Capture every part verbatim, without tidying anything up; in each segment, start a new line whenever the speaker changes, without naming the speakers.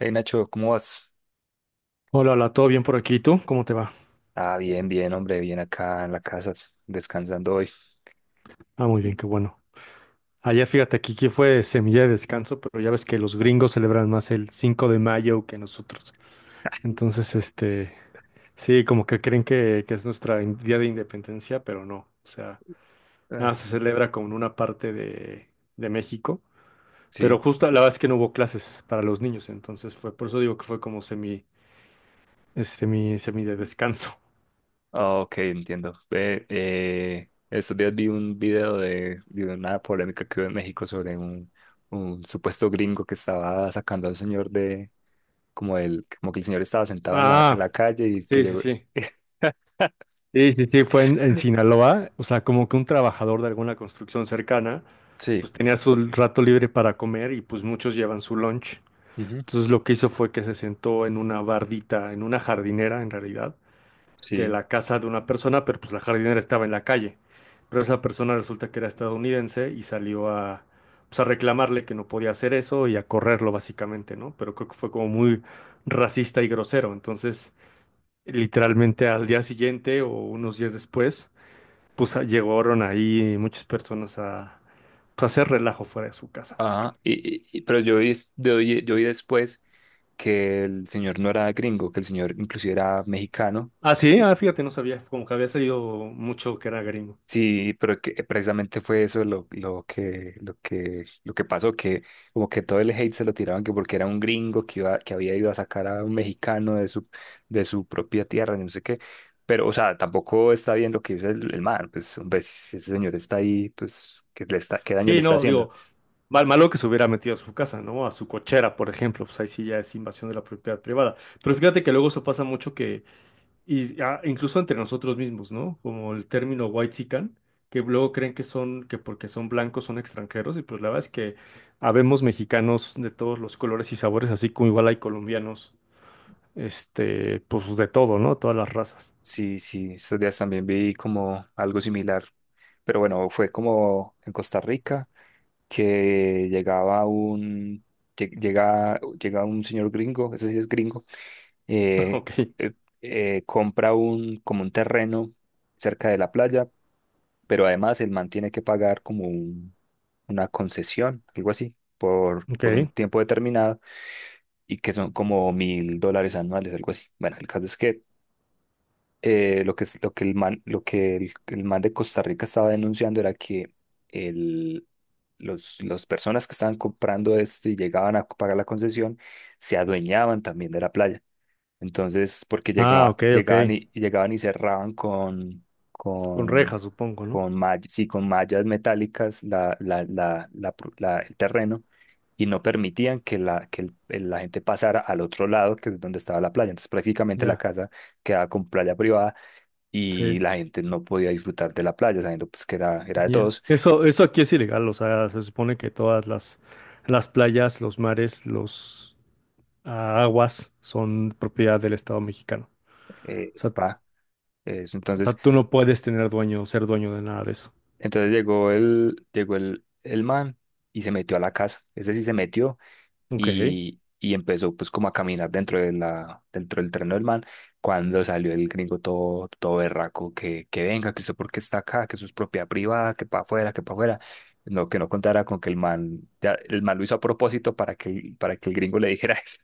Hey Nacho, ¿cómo vas?
Hola, hola, ¿todo bien por aquí? ¿Y tú? ¿Cómo te va?
Ah, bien, bien, hombre, bien acá en la casa, descansando hoy.
Ah, muy bien, qué bueno. Ayer fíjate, aquí, aquí fue semilla de descanso, pero ya ves que los gringos celebran más el cinco de mayo que nosotros. Entonces, este, sí, como que creen que, que es nuestra in- día de independencia, pero no. O sea,
Ah,
nada, se celebra como en una parte de, de México,
sí.
pero justo la verdad es que no hubo clases para los niños, entonces fue, por eso digo que fue como semi, este, mi, semi de descanso.
Ah, ok, entiendo. Ve, eh, estos días vi un video de, de una polémica que hubo en México sobre un, un supuesto gringo que estaba sacando al señor de, como el, como que el señor estaba sentado en la, en
Ah,
la calle y que
sí, sí,
llegó.
sí. Sí, sí, sí, fue en, en Sinaloa, o sea, como que un trabajador de alguna construcción cercana,
Sí,
pues tenía su rato libre para comer y pues muchos llevan su lunch.
ujú,
Entonces lo que hizo fue que se sentó en una bardita, en una jardinera en realidad, de
sí,
la casa de una persona, pero pues la jardinera estaba en la calle. Pero esa persona resulta que era estadounidense y salió a, pues, a reclamarle que no podía hacer eso y a correrlo básicamente, ¿no? Pero creo que fue como muy racista y grosero. Entonces, literalmente al día siguiente o unos días después, pues a- llegaron ahí muchas personas a pues, hacer relajo fuera de su casa,
ajá.
básicamente.
Y, y- y- pero yo vi, es- yo vi yo vi después que el señor no era gringo, que el señor inclusive era mexicano.
Ah, sí, ah, fíjate, no sabía, como que había salido mucho que era gringo.
Sí, pero que precisamente fue eso lo, lo que, lo que, lo que pasó, que como que todo el hate se lo tiraban que porque era un gringo que iba, que había ido a sacar a un mexicano de su, de su propia tierra, y no sé qué. Pero, o sea, tampoco está bien lo que dice el, el man, pues, hombre, si ese señor está ahí, pues, ¿qué le está, qué daño le
Sí,
está
no,
haciendo?
digo, mal, malo que se hubiera metido a su casa, ¿no? A su cochera, por ejemplo, pues ahí sí ya es invasión de la propiedad privada. Pero fíjate que luego eso pasa mucho que, y, ah, incluso entre nosotros mismos, ¿no? Como el término whitexican, que luego creen que son, que porque son blancos son extranjeros, y pues la verdad es que habemos mexicanos de todos los colores y sabores, así como igual hay colombianos este, pues de todo, ¿no? Todas las razas.
Sí, sí, estos días también vi como algo similar. Pero bueno, fue como en Costa Rica, que llegaba un, lle- llega, llega un señor gringo, ese sí es gringo. eh,
Ok.
eh, eh, Compra un, como un terreno cerca de la playa, pero además el man tiene que pagar como un- una concesión, algo así, por, por un
Ok.
tiempo determinado y que son como mil dólares anuales, algo así. Bueno, el caso es que eh, lo que, es- lo que, el man, lo que el, el man de Costa Rica estaba denunciando era que el, los, las personas que estaban comprando esto y llegaban a pagar la concesión se adueñaban también de la playa. Entonces, porque
Ah,
llegaba,
ok, ok.
llegaban y, y llegaban y cerraban con,
Con
con,
rejas, supongo, ¿no?
con, mall- sí, con mallas metálicas la, la, la, la pro- la- el terreno y no permitían que la, que el- el- la gente pasara al otro lado, que es donde estaba la playa. Entonces prácticamente la
Ya,
casa quedaba con playa privada y
sí,
la gente no podía disfrutar de la playa, sabiendo pues que era, era de
ya.
todos.
Eso, eso aquí es ilegal, o sea, se supone que todas las, las playas, los mares, los ah, aguas son propiedad del Estado mexicano. O
eh,
sea, o
pa, Eso.
sea,
Entonces,
tú no puedes tener dueño, ser dueño de nada de eso.
entonces llegó el, llegó el, el man y se metió a la casa. Ese sí se metió
Ok,
y, y empezó pues como a caminar dentro de la, dentro del tren del man, cuando salió el gringo todo, todo berraco, que, que venga, que usted por qué está acá, que eso es propiedad privada, que para afuera, que para afuera, no, que no contara con que el man, ya, el man lo hizo a propósito para que, el- para que el gringo le dijera eso.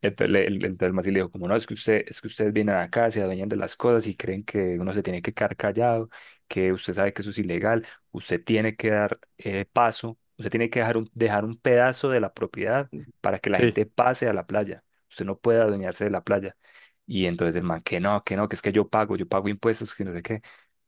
Entonces, le- el, entonces el man sí le dijo como, no, es que usted, es que ustedes vienen acá, se adueñan de las cosas y creen que uno se tiene que quedar callado, que usted sabe que eso es ilegal, usted tiene que dar eh, paso, usted tiene que dejar un, dejar un, pedazo de la propiedad para que la
sí,
gente pase a la playa. Usted no puede adueñarse de la playa. Y entonces el man, que no, que no, que es que yo pago, yo pago impuestos, que no sé qué.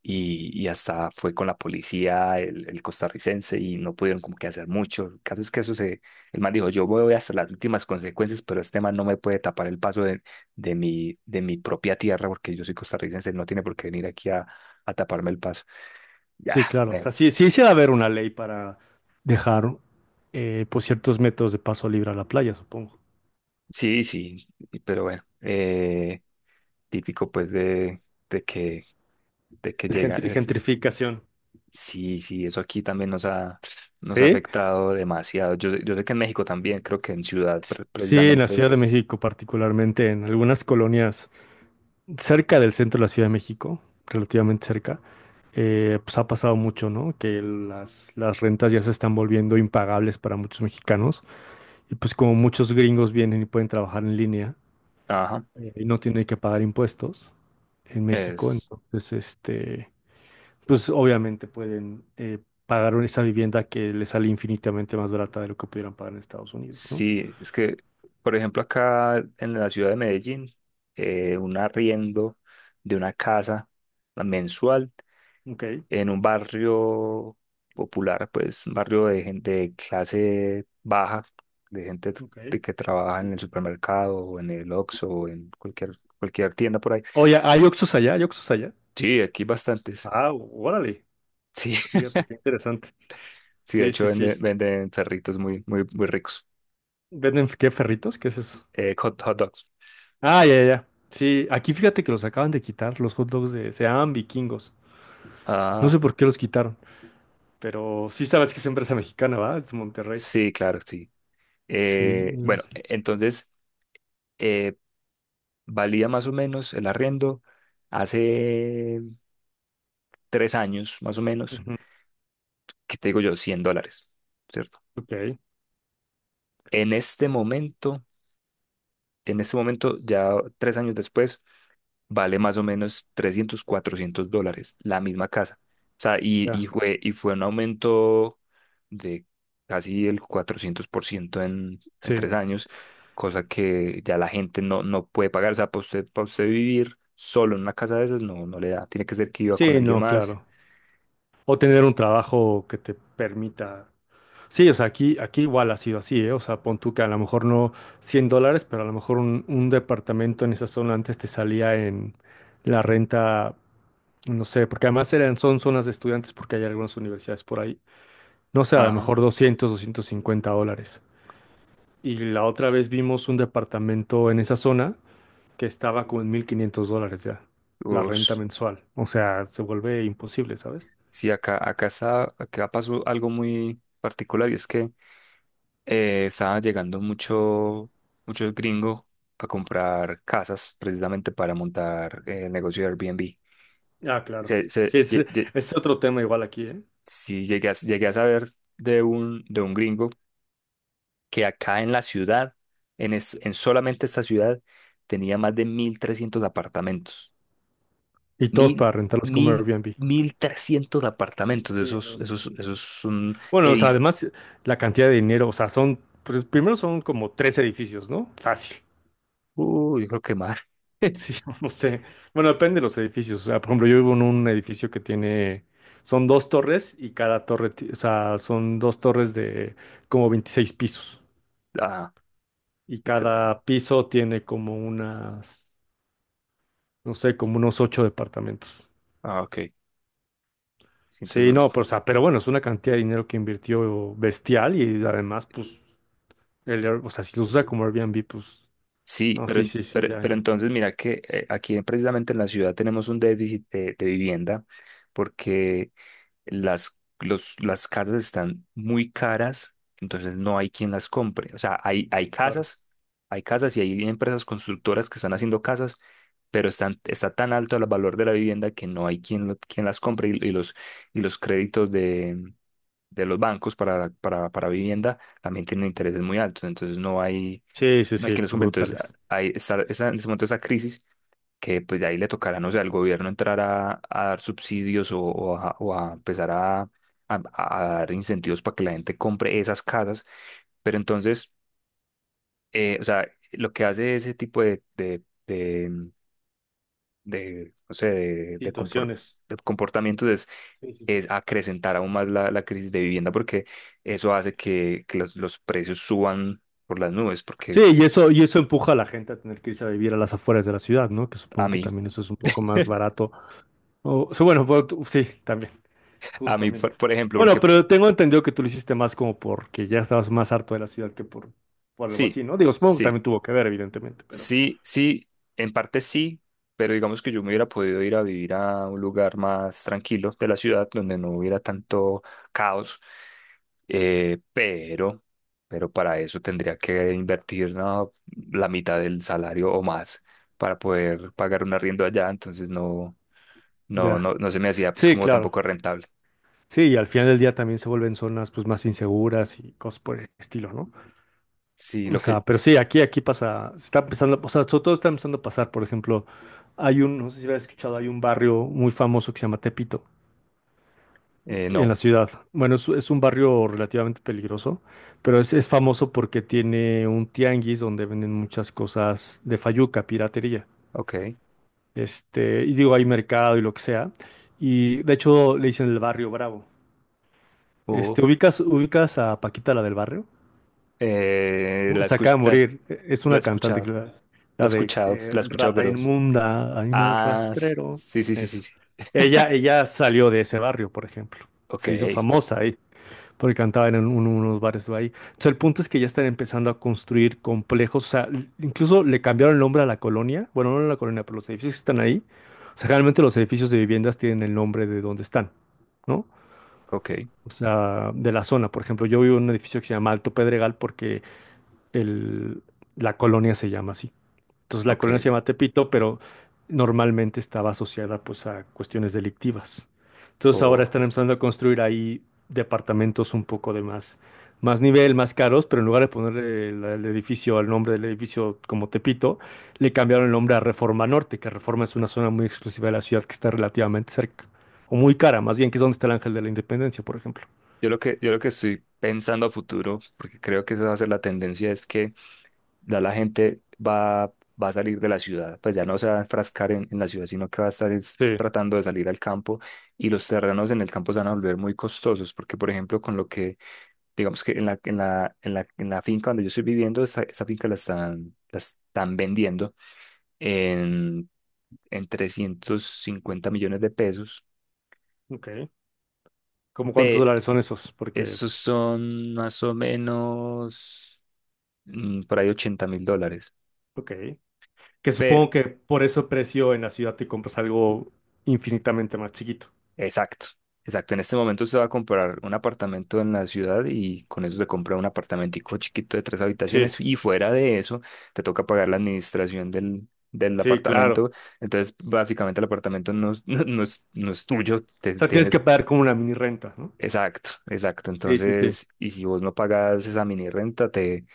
Y, y hasta fue con la policía, el, el costarricense, y no pudieron como que hacer mucho. El caso es que eso se, el man dijo, yo voy hasta las últimas consecuencias, pero este man no me puede tapar el paso de, de mi, de mi propia tierra, porque yo soy costarricense, no tiene por qué venir aquí a, a taparme el paso. Ya,
sí, claro. O
bueno,
sea, sí, sí, sí debe haber una ley para dejar, eh, pues, ciertos métodos de paso libre a la playa, supongo.
sí, sí, pero bueno, eh, típico pues de, de que de que llega.
Gentri-
Es-
gentrificación.
sí, sí, eso aquí también nos ha, nos ha
Sí,
afectado demasiado. Yo, sé- yo sé que en México también, creo que en ciudad
S-
pre-
sí, en la
precisamente.
Ciudad de México, particularmente en algunas colonias cerca del centro de la Ciudad de México, relativamente cerca, eh, pues ha pasado mucho, ¿no? Que las, las rentas ya se están volviendo impagables para muchos mexicanos y pues como muchos gringos vienen y pueden trabajar en línea
Ajá.
eh, y no tienen que pagar impuestos en México,
Es,
entonces, este, pues obviamente pueden eh, pagar esa vivienda que les sale infinitamente más barata de lo que pudieran pagar en Estados Unidos, ¿no?
sí, es que, por ejemplo, acá en la ciudad de Medellín, eh, un arriendo de una casa mensual.
Ok,
En un barrio popular, pues un barrio de gente de clase baja, de gente
ok.
de que trabaja en el supermercado o en el Oxxo o en cualquier, cualquier tienda por ahí.
Oye, ¿hay Oxxos allá? ¿Hay Oxxos allá?
Sí, aquí bastantes.
Ah, órale.
Sí,
Fíjate, qué interesante.
sí, de
Sí,
hecho
sí,
venden,
sí.
venden perritos muy, muy, muy ricos.
¿Venden qué ferritos? ¿Qué es eso?
Eh, hot, hot dogs.
Ah, ya, ya. Ya. Sí, aquí fíjate que los acaban de quitar, los hot dogs de... Se llaman vikingos. No
Ah,
sé por qué los quitaron, pero sí sabes que es empresa mexicana, ¿va? Es de Monterrey.
sí, claro, sí.
Sí,
Eh,
no
bueno,
sé.
e-, entonces eh, valía más o menos el arriendo hace tres años, más o menos,
Ujú,
que te digo yo, cien dólares, ¿cierto?
ok,
En este momento, en este momento, ya tres años después, vale más o menos trescientos cuatrocientos dólares la misma casa. O sea, y,
ya.
y fue, y fue un aumento de casi el cuatrocientos por ciento en, en
Sí,
tres años, cosa que ya la gente no, no puede pagar. O sea, para usted, para usted vivir solo en una casa de esas, no, no le da. Tiene que ser que viva con
sí,
alguien
no,
más.
claro. O tener un trabajo que te permita. Sí, o sea, aquí, aquí igual ha sido así, ¿eh? O sea, pon tú que a lo mejor no cien dólares, pero a lo mejor un, un departamento en esa zona antes te salía en la renta, no sé, porque además eran, son zonas de estudiantes porque hay algunas universidades por ahí. No sé, a lo
Ajá.
mejor doscientos, doscientos cincuenta dólares. Y la otra vez vimos un departamento en esa zona que estaba como en mil quinientos dólares ya, la renta
Ush.
mensual. O sea, se vuelve imposible, ¿sabes?
Sí, acá, acá está, acá pasó algo muy particular y es que eh, estaba llegando mucho, muchos gringos a comprar casas precisamente para montar eh, el negocio de Airbnb.
Ah, claro.
Se, se,
Sí, es,
lle- lle-
es otro tema igual aquí, ¿eh?
sí, llegué a, llegué a saber de un, de un, gringo que acá en la ciudad, en, es- en solamente esta ciudad, tenía más de mil trescientos apartamentos.
Y todos
Mil,
para rentarlos como
mil,
Airbnb.
mil trescientos apartamentos.
Sí, no,
Esos,
no,
esos,
no.
esos son
Bueno, o sea,
edificios.
además la cantidad de dinero, o sea, son, pues primero son como tres edificios, ¿no? Fácil.
Uy, yo creo que más.
Sí, no sé. Bueno, depende de los edificios. O sea, por ejemplo, yo vivo en un edificio que tiene, son dos torres y cada torre, ti- o sea, son dos torres de como veintiséis pisos
Ah,
y
y cre-
cada piso tiene como unas, no sé, como unos ocho departamentos.
ah, ok.
Sí, no, pero, o sea, pero bueno, es una cantidad de dinero que invirtió bestial y además, pues, el Air- o sea, si lo usa como Airbnb, pues.
Sí,
No,
pero,
sí,
en-
sí, sí,
pero,
ya,
pero
ya.
entonces mira que eh, aquí precisamente en la ciudad tenemos un déficit de, de vivienda porque las, los, las casas están muy caras, entonces no hay quien las compre. O sea, hay, hay
Claro.
casas, hay casas y hay empresas constructoras que están haciendo casas, pero están, está tan alto el valor de la vivienda que no hay quien, lo- quien las compre y, y los, y los créditos de, de los bancos para, para, para vivienda también tienen intereses muy altos, entonces no hay
Sí, sí,
no hay que
sí,
resolver. Entonces,
brutales.
ahí está esa- en ese momento esa crisis que pues de ahí le tocará, no sé, al gobierno entrar a, a dar subsidios o, o a, o a empezar a, a- a dar incentivos para que la gente compre esas casas. Pero entonces, eh, o sea, lo que hace ese tipo de, de, de, de, no sé, de, de compor-
Situaciones.
de comportamientos es
Sí, sí, sí.
es acrecentar aún más la, la crisis de vivienda porque eso hace que, que los, los precios suban por las nubes, porque
Sí, y eso, y eso empuja a la gente a tener que irse a vivir a las afueras de la ciudad, ¿no? Que
a
supongo que
mí.
también eso es un poco más barato. O, o sea, bueno, bueno, tú- sí, también,
A mí, por,
justamente.
por ejemplo,
Bueno,
porque
pero tengo entendido que tú lo hiciste más como porque ya estabas más harto de la ciudad que por, por algo
sí,
así, ¿no? Digo, supongo que
sí,
también tuvo que ver, evidentemente, pero
sí, sí, en parte sí, pero digamos que yo me hubiera podido ir a vivir a un lugar más tranquilo de la ciudad donde no hubiera tanto caos, eh, pero, pero para eso tendría que invertir, ¿no? La mitad del salario o más para poder pagar un arriendo allá, entonces no, no,
ya.
no, no se me hacía pues
Sí,
como
claro.
tampoco rentable.
Sí, y al final del día también se vuelven zonas pues más inseguras y cosas por el estilo, ¿no?
Sí,
O
lo que,
sea, pero sí, aquí, aquí pasa, se está empezando, o sea, sobre todo está empezando a pasar, por ejemplo, hay un, no sé si habéis escuchado, hay un barrio muy famoso que se llama Tepito,
eh,
en la
no,
ciudad. Bueno, es, es un barrio relativamente peligroso, pero es, es famoso porque tiene un tianguis donde venden muchas cosas de fayuca, piratería.
ok.
Este, y digo, hay mercado y lo que sea. Y de hecho le dicen el barrio Bravo.
o
Este, ¿ubicas, ubicas a Paquita, la del barrio?
eh,
¿No?
la
Se acaba de
escucha.
morir. E- Es
La he
una cantante, que
escuchado,
la,
la he
la de
escuchado,
eh,
la he escuchado,
Rata
pero.
Inmunda, Animal
Ah,
Rastrero.
sí, sí, sí, sí,
Eso.
sí.
Ella, ella salió de ese barrio, por ejemplo.
Ok,
Se hizo famosa ahí, porque cantaba en un- unos bares de ahí. Entonces, el punto es que ya están empezando a construir complejos. O sea, l- incluso le cambiaron el nombre a la colonia. Bueno, no a la colonia, pero los edificios que están ahí. O sea, generalmente los edificios de viviendas tienen el nombre de donde están, ¿no?
ok,
O sea, de la zona. Por ejemplo, yo vivo en un edificio que se llama Alto Pedregal porque el- la colonia se llama así. Entonces la colonia
ok.
se llama Tepito, pero normalmente estaba asociada pues a cuestiones delictivas. Entonces ahora
Oh.
están empezando a construir ahí departamentos un poco de más, más nivel, más caros, pero en lugar de poner el, el edificio, el nombre del edificio como Tepito, le cambiaron el nombre a Reforma Norte, que Reforma es una zona muy exclusiva de la ciudad que está relativamente cerca, o muy cara, más bien, que es donde está el Ángel de la Independencia, por ejemplo.
Yo lo que, yo lo que estoy pensando a futuro, porque creo que esa va a ser la tendencia, es que ya la gente va, va a salir de la ciudad, pues ya no se va a enfrascar en, en la ciudad, sino que va a estar es
Sí.
tratando de salir al campo y los terrenos en el campo se van a volver muy costosos, porque por ejemplo con lo que, digamos que en la, en la, en la, en la finca donde yo estoy viviendo, esa, esa finca la están, la están vendiendo en, en trescientos cincuenta millones de pesos,
Ok. ¿Cómo cuántos
pero
dólares son esos? Porque,
esos son más o menos mm, por ahí ochenta mil dólares.
ok. Que
Pero,
supongo que por eso el precio en la ciudad te compras algo infinitamente más chiquito.
exacto, exacto. En este momento usted va a comprar un apartamento en la ciudad y con eso se compra un apartamentico chiquito de tres
Sí,
habitaciones y fuera de eso te toca pagar la administración del... del
sí, claro.
apartamento, entonces básicamente el apartamento no, es- no, no es, no es tuyo,
O
te,
sea, tienes
tienes.
que pagar como una mini renta, ¿no?
Exacto, exacto.
Sí, sí, sí.
Entonces, y si vos no pagas esa mini renta, te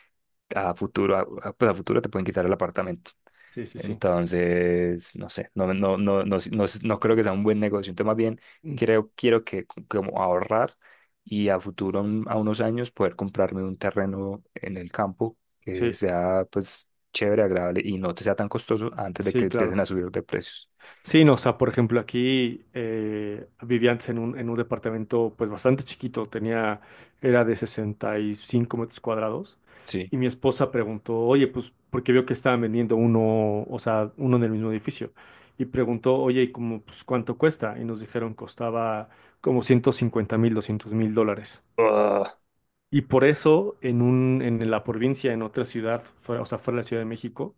a futuro, a, a- pues a futuro te pueden quitar el apartamento.
Sí, sí, sí.
Entonces, no sé, no, no, no, no, no, no creo que sea un buen negocio. Entonces, más bien,
Mm.
creo, quiero que co- como ahorrar y a futuro, un- a unos años, poder comprarme un terreno en el campo que
Sí,
sea, pues, chévere, agradable y no te sea tan costoso antes de que
sí,
empiecen
claro.
a subir de precios.
Sí, no, o sea, por ejemplo, aquí eh, vivía antes en un, en un, departamento pues bastante chiquito, tenía, era de sesenta y cinco metros cuadrados,
Sí.
y mi esposa preguntó, oye, pues, porque vio que estaban vendiendo uno, o sea, uno en el mismo edificio, y preguntó, oye, ¿y como, pues, cuánto cuesta? Y nos dijeron, costaba como ciento cincuenta mil, doscientos mil dólares.
Ah.
Y por eso, en un, en la provincia, en otra ciudad, fuera, o sea, fuera de la Ciudad de México,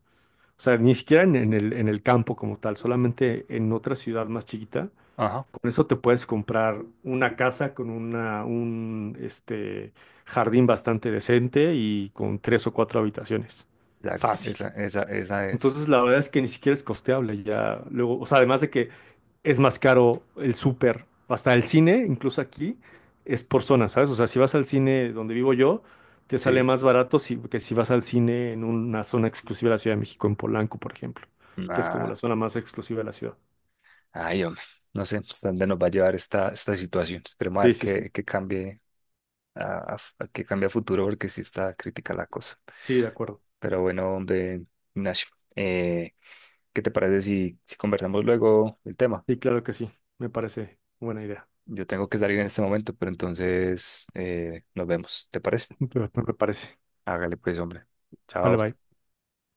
o sea, ni siquiera en, en el, en el campo como tal, solamente en otra ciudad más chiquita.
Ajá,
Con eso te puedes comprar una casa con una, un este, jardín bastante decente y con tres o cuatro habitaciones.
exacto.
Fácil.
Esa, esa, esa es.
Entonces, la verdad es que ni siquiera es costeable ya. Luego, o sea, además de que es más caro el súper, hasta el cine, incluso aquí, es por zona, ¿sabes? O sea, si vas al cine donde vivo yo, te sale
Sí.
más barato si- que si vas al cine en una zona exclusiva de la Ciudad de México, en Polanco, por ejemplo, que es como
Nah.
la zona más exclusiva de la ciudad.
Ay, hombre, no sé hasta dónde nos va a llevar esta, esta situación. Esperemos a
Sí,
ver
sí,
qué,
sí.
qué cambie a, a- a qué cambie a futuro, porque sí está crítica la cosa.
Sí, de acuerdo.
Pero bueno, hombre, Ignacio, eh, ¿qué te parece si, si conversamos luego el tema?
Sí, claro que sí. Me parece buena idea.
Yo tengo que salir en este momento, pero entonces eh, nos vemos. ¿Te parece?
Me parece.
Hágale pues, hombre. Chao.
Vale, bye.